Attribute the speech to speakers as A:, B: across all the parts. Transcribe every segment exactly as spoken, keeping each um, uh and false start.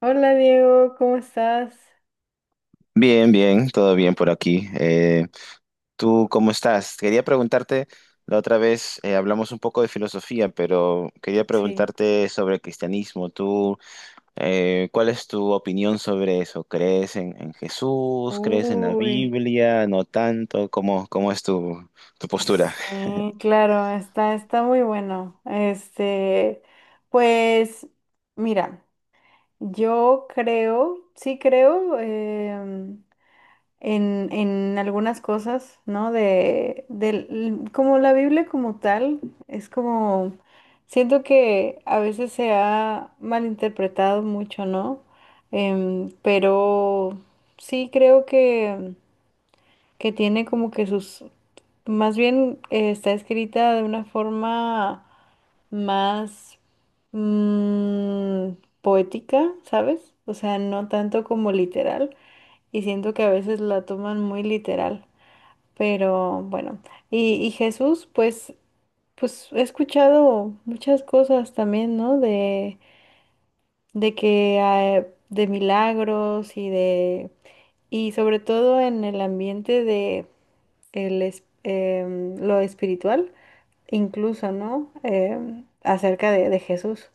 A: Hola Diego, ¿cómo estás?
B: Bien, bien, todo bien por aquí. Eh, ¿tú cómo estás? Quería preguntarte, la otra vez eh, hablamos un poco de filosofía, pero quería
A: Sí.
B: preguntarte sobre el cristianismo. ¿Tú, eh, cuál es tu opinión sobre eso? ¿Crees en, en Jesús? ¿Crees en la
A: Uy,
B: Biblia? ¿No tanto? ¿Cómo, cómo es tu, tu postura?
A: sí, claro, está, está muy bueno. Este, pues, mira, yo creo, sí creo em, en, en algunas cosas, ¿no? De, del, como la Biblia como tal, es como, siento que a veces se ha malinterpretado mucho, ¿no? Em, pero sí creo que que tiene como que sus, más bien eh, está escrita de una forma más mm, poética, ¿sabes? O sea, no tanto como literal, y siento que a veces la toman muy literal, pero bueno, y, y Jesús, pues, pues he escuchado muchas cosas también, ¿no? De, de que, eh, de milagros y de y sobre todo en el ambiente de el es- em, lo espiritual, incluso, ¿no? Em, acerca de, de Jesús.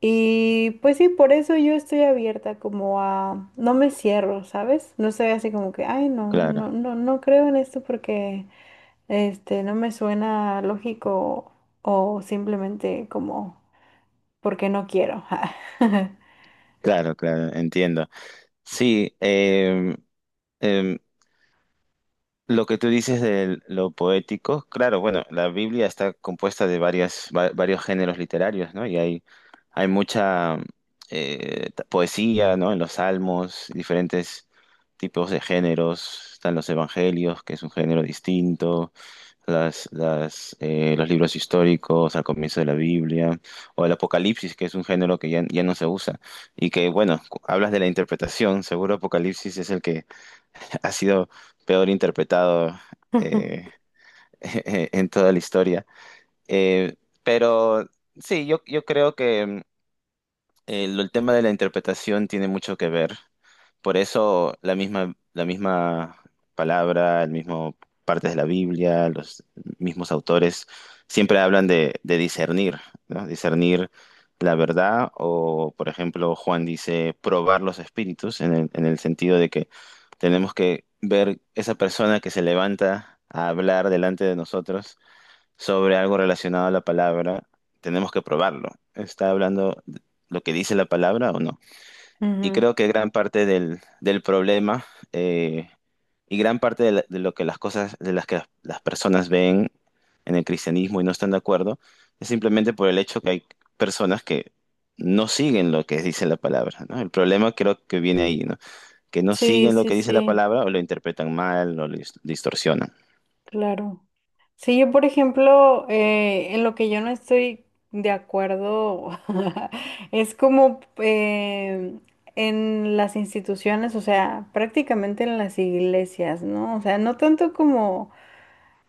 A: Y pues sí, por eso yo estoy abierta como a, no me cierro, ¿sabes? No soy así como que, ay, no,
B: Claro,
A: no, no, no creo en esto porque este no me suena lógico o simplemente como porque no quiero.
B: claro, claro, entiendo. Sí, em, em, lo que tú dices de lo poético, claro, bueno, la Biblia está compuesta de varias, va- varios géneros literarios, ¿no? Y hay, hay mucha eh, ta- poesía, ¿no? En los salmos, diferentes tipos de géneros, están los evangelios, que es un género distinto, las, las, eh, los libros históricos al comienzo de la Biblia, o el Apocalipsis, que es un género que ya, ya no se usa, y que, bueno, cu- hablas de la interpretación, seguro Apocalipsis es el que ha sido peor interpretado eh, en toda la historia. Eh, pero sí, yo, yo creo que mm, el, el tema de la interpretación tiene mucho que ver. Por eso la misma, la misma palabra, el mismo partes de la Biblia, los mismos autores siempre hablan de, de discernir, ¿no? Discernir la verdad o, por ejemplo, Juan dice probar los espíritus en el, en el sentido de que tenemos que ver esa persona que se levanta a hablar delante de nosotros sobre algo relacionado a la palabra, tenemos que probarlo. ¿Está hablando lo que dice la palabra o no? Y
A: Ujú.
B: creo que gran parte del, del problema eh, y gran parte de, la- de lo que las cosas, de las que las, las personas ven en el cristianismo y no están de acuerdo, es simplemente por el hecho que hay personas que no siguen lo que dice la palabra, ¿no? El problema creo que viene ahí, ¿no? Que no
A: Sí,
B: siguen lo
A: sí,
B: que dice la
A: sí,
B: palabra o lo interpretan mal o lo dis- distorsionan.
A: claro. Sí, yo por ejemplo, eh, en lo que yo no estoy de acuerdo. Es como em, en las instituciones, o sea, prácticamente en las iglesias, ¿no? O sea, no tanto como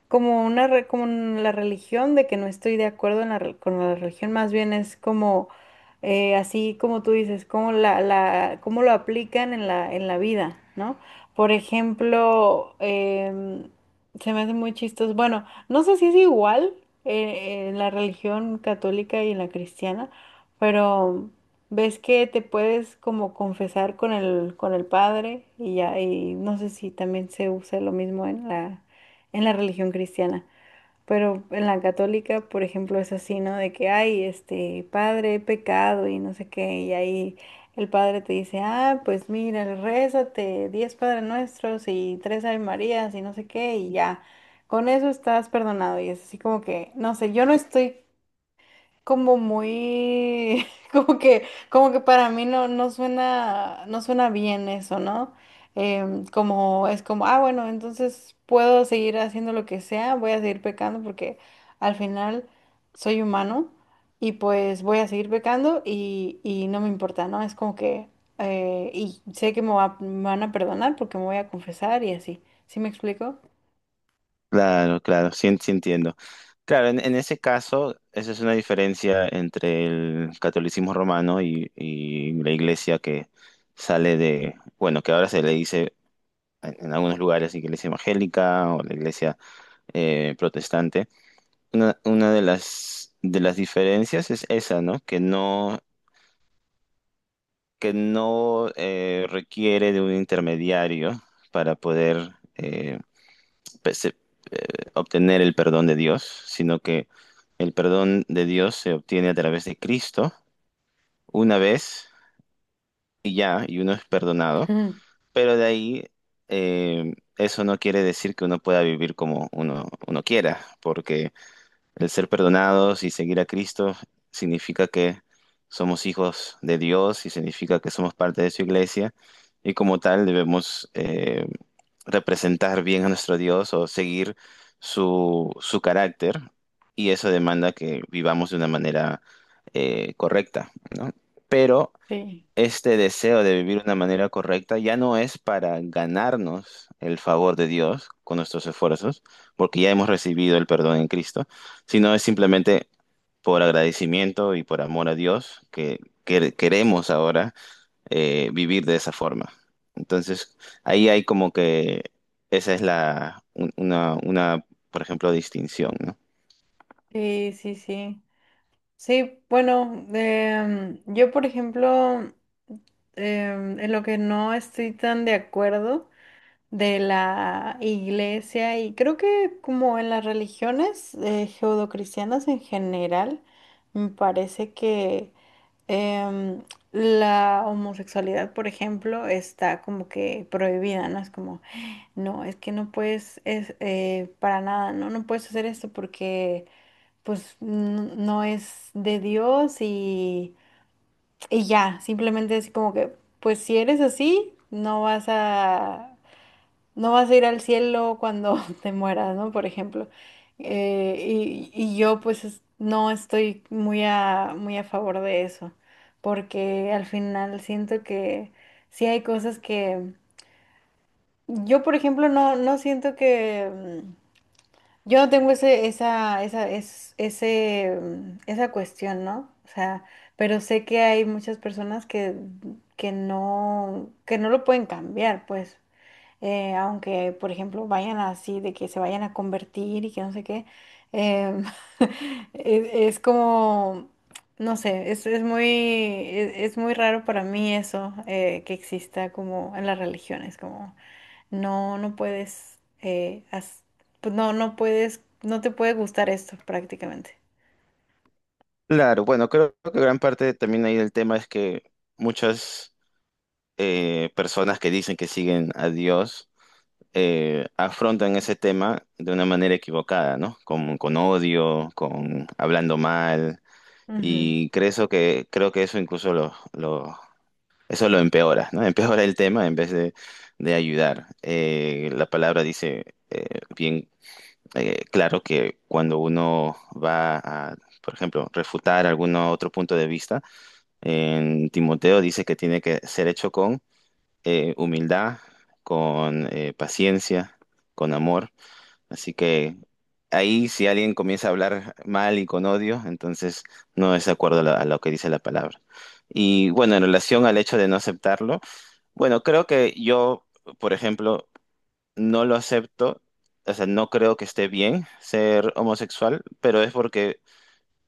A: como una re- como en la religión, de que no estoy de acuerdo en la re- con la religión, más bien es como eh, así como tú dices, cómo la, la cómo lo aplican en la en la vida, ¿no? Por ejemplo, em, se me hace muy chistoso. Bueno, no sé si es igual eh, en la religión católica y en la cristiana, pero ves que te puedes como confesar con el con el padre y ya y no sé si también se usa lo mismo en la en la religión cristiana. Pero en la católica, por ejemplo, es así, ¿no? De que, ay, este, padre, he pecado y no sé qué, y ahí el padre te dice, ah, pues mira, rézate, diez Padres Nuestros y tres Ave Marías y no sé qué, y ya, con eso estás perdonado. Y es así como que, no sé, yo no estoy como muy, como que, como que para mí no, no suena, no suena bien eso, ¿no? Em, como es como, ah, bueno, entonces puedo seguir haciendo lo que sea, voy a seguir pecando porque al final soy humano y pues voy a seguir pecando y, y no me importa, ¿no? Es como que, eh, y sé que me va- me van a perdonar porque me voy a confesar y así. ¿Sí me explico?
B: Claro, claro, sí, sí entiendo. Claro, en, en ese caso, esa es una diferencia entre el catolicismo romano y, y la iglesia que sale de, bueno, que ahora se le dice en, en algunos lugares iglesia evangélica o la iglesia eh, protestante. Una, una de las, de las diferencias es esa, ¿no? Que no, que no eh, requiere de un intermediario para poder, eh, pues, eh, obtener el perdón de Dios, sino que el perdón de Dios se obtiene a través de Cristo una vez y ya, y uno es perdonado, pero de ahí eh, eso no quiere decir que uno pueda vivir como uno, uno quiera, porque el ser perdonados y seguir a Cristo significa que somos hijos de Dios y significa que somos parte de su iglesia y como tal debemos... eh, representar bien a nuestro Dios o seguir su, su carácter y eso demanda que vivamos de una manera eh, correcta, ¿no? Pero
A: Sí.
B: este deseo de vivir de una manera correcta ya no es para ganarnos el favor de Dios con nuestros esfuerzos, porque ya hemos recibido el perdón en Cristo, sino es simplemente por agradecimiento y por amor a Dios que que queremos ahora eh, vivir de esa forma. Entonces, ahí hay como que esa es la, un- una, una, por ejemplo, distinción, ¿no?
A: Sí, sí, sí. Sí, bueno, em, yo por ejemplo, em, en lo que no estoy tan de acuerdo de la iglesia y creo que como en las religiones eh, judeocristianas en general, me parece que em, la homosexualidad, por ejemplo, está como que prohibida, ¿no? Es como, no, es que no puedes, es, eh, para nada, ¿no? No puedes hacer esto porque pues n- no es de Dios y, y ya, simplemente así como que, pues si eres así, no vas a, no vas a ir al cielo cuando te mueras, ¿no? Por ejemplo. Eh, y, y yo pues es- no estoy muy a, muy a favor de eso, porque al final siento que sí hay cosas que... Yo, por ejemplo, no, no siento que... Yo no tengo ese, esa, esa, es, ese, mm, esa cuestión, ¿no? O sea, pero sé que hay muchas personas que, que no, que no lo pueden cambiar, pues. Eh, aunque, por ejemplo, vayan así, de que se vayan a convertir y que no sé qué. em, es, es como, no sé, es, es muy, es, es muy raro para mí eso, eh, que exista como en las religiones, como. No, no puedes, eh, haz- pues no, no puedes, no te puede gustar esto prácticamente.
B: Claro, bueno, creo que gran parte también ahí del tema es que muchas eh, personas que dicen que siguen a Dios eh, afrontan ese tema de una manera equivocada, ¿no? Con, con odio, con hablando mal,
A: Ujú,
B: y creo eso que, creo que eso incluso los eso lo empeora, ¿no? Empeora el tema en vez de, de ayudar. Eh, la palabra dice eh, bien eh, claro que cuando uno va a, por ejemplo, refutar algún otro punto de vista, en Timoteo dice que tiene que ser hecho con eh, humildad, con eh, paciencia, con amor. Así que ahí si alguien comienza a hablar mal y con odio, entonces no es de acuerdo a la- a lo que dice la palabra. Y bueno, en relación al hecho de no aceptarlo, bueno, creo que yo, por ejemplo, no lo acepto, o sea, no creo que esté bien ser homosexual, pero es porque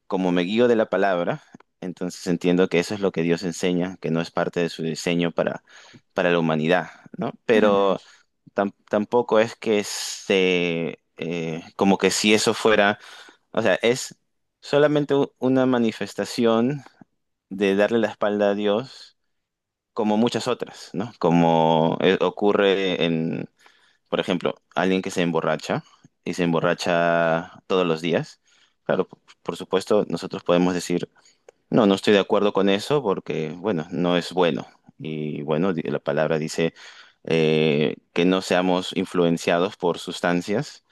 B: como me guío de la palabra, entonces entiendo que eso es lo que Dios enseña, que no es parte de su diseño para, para la humanidad, ¿no?
A: ujú,
B: Pero tam- tampoco es que se, eh, como que si eso fuera, o sea, es solamente u- una manifestación de darle la espalda a Dios como muchas otras, ¿no? Como eh, ocurre en, por ejemplo, alguien que se emborracha y se emborracha todos los días. Claro, p- por supuesto, nosotros podemos decir, no, no estoy de acuerdo con eso porque, bueno, no es bueno. Y bueno, di- la palabra dice eh, que no seamos influenciados por sustancias.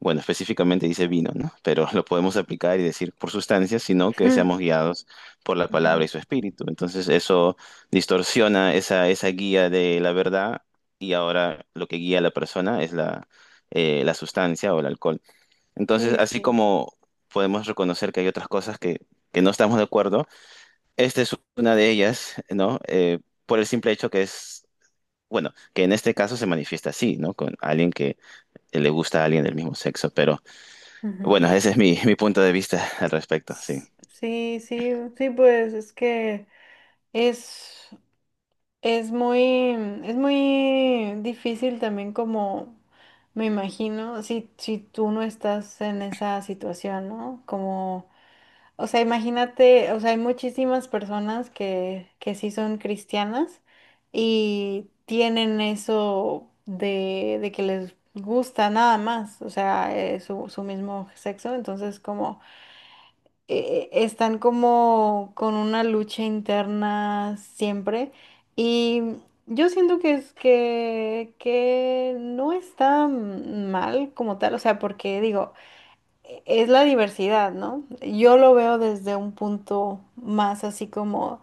B: Bueno, específicamente dice vino, ¿no? Pero lo podemos aplicar y decir por sustancias, sino que
A: ujú,
B: seamos guiados por la palabra y su
A: ujú.
B: espíritu. Entonces eso distorsiona esa, esa guía de la verdad y ahora lo que guía a la persona es la, eh, la sustancia o el alcohol. Entonces,
A: Sí,
B: así
A: sí.
B: como podemos reconocer que hay otras cosas que que no estamos de acuerdo, esta es una de ellas, ¿no? Eh, por el simple hecho que es, bueno, que en este caso se manifiesta así, ¿no? Con alguien que le gusta a alguien del mismo sexo, pero bueno,
A: Ujú.
B: ese es mi, mi punto de vista al respecto, sí.
A: S- Sí, sí, sí, pues es que es, es muy, es muy difícil también como, me imagino, si, si tú no estás en esa situación, ¿no? Como. O sea, imagínate, o sea, hay muchísimas personas que, que sí son cristianas y tienen eso de, de que les gusta nada más, o sea, eh, su, su mismo sexo, entonces como eh, eh, están como con una lucha interna siempre y yo siento que es que, que no está mal como tal, o sea, porque digo, es la diversidad, ¿no? Yo lo veo desde un punto más así como,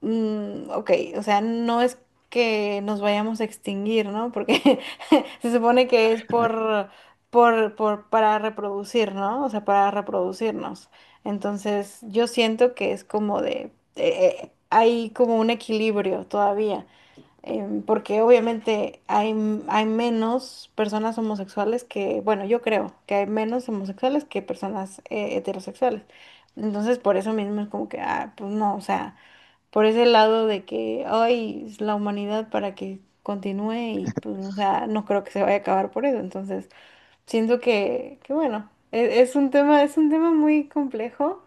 A: mm, ok, o sea, no es que nos vayamos a extinguir, ¿no? Porque se supone que es por, por, por, para reproducir, ¿no? O sea, para reproducirnos. Entonces, yo siento que es como de, eh, eh, hay como un equilibrio todavía em, porque obviamente hay, m- hay menos personas homosexuales que, bueno, yo creo que hay menos homosexuales que personas eh, heterosexuales. Entonces, por eso mismo es como que, ah, pues no, o sea, por ese lado de que, ay, es la humanidad para que continúe y, pues, o sea, no creo que se vaya a acabar por eso. Entonces, siento que, que bueno, e- es un tema, es un tema muy complejo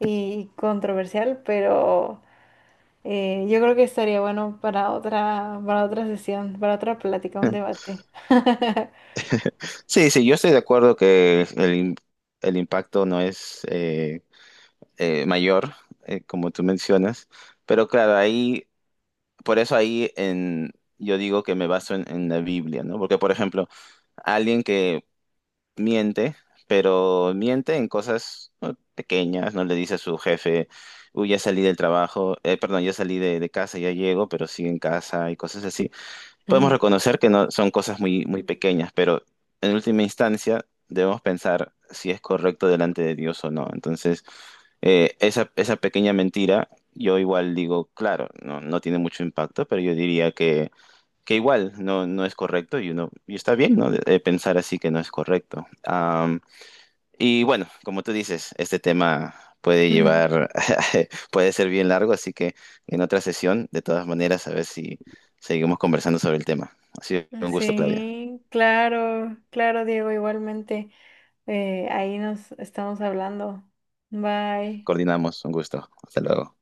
A: y controversial, pero... Eh, yo creo que estaría bueno para otra, para otra sesión, para otra plática, un debate.
B: Sí, sí, yo estoy de acuerdo que el, im- el impacto no es eh, eh, mayor, eh, como tú mencionas, pero claro, ahí, por eso ahí en, yo digo que me baso en, en la Biblia, ¿no? Porque, por ejemplo, alguien que miente, pero miente en cosas, ¿no?, pequeñas, no le dice a su jefe, uy, ya salí del trabajo, eh, perdón, ya salí de, de casa, ya llego, pero sigue en casa y cosas así. Podemos
A: Ujú.
B: reconocer que no son cosas muy, muy pequeñas, pero en última instancia debemos pensar si es correcto delante de Dios o no. Entonces, eh, esa, esa pequeña mentira, yo igual digo, claro, no, no tiene mucho impacto, pero yo diría que que igual no, no es correcto y uno y está bien, ¿no?, de- de pensar así que no es correcto. Am, y bueno, como tú dices, este tema puede llevar, puede ser bien largo, así que en otra sesión, de todas maneras, a ver si seguimos conversando sobre el tema. Ha sido
A: Ujú.
B: un gusto, Claudia.
A: Sí, claro, claro, Diego, igualmente. Eh, ahí nos estamos hablando. Bye.
B: Coordinamos, un gusto. Hasta luego.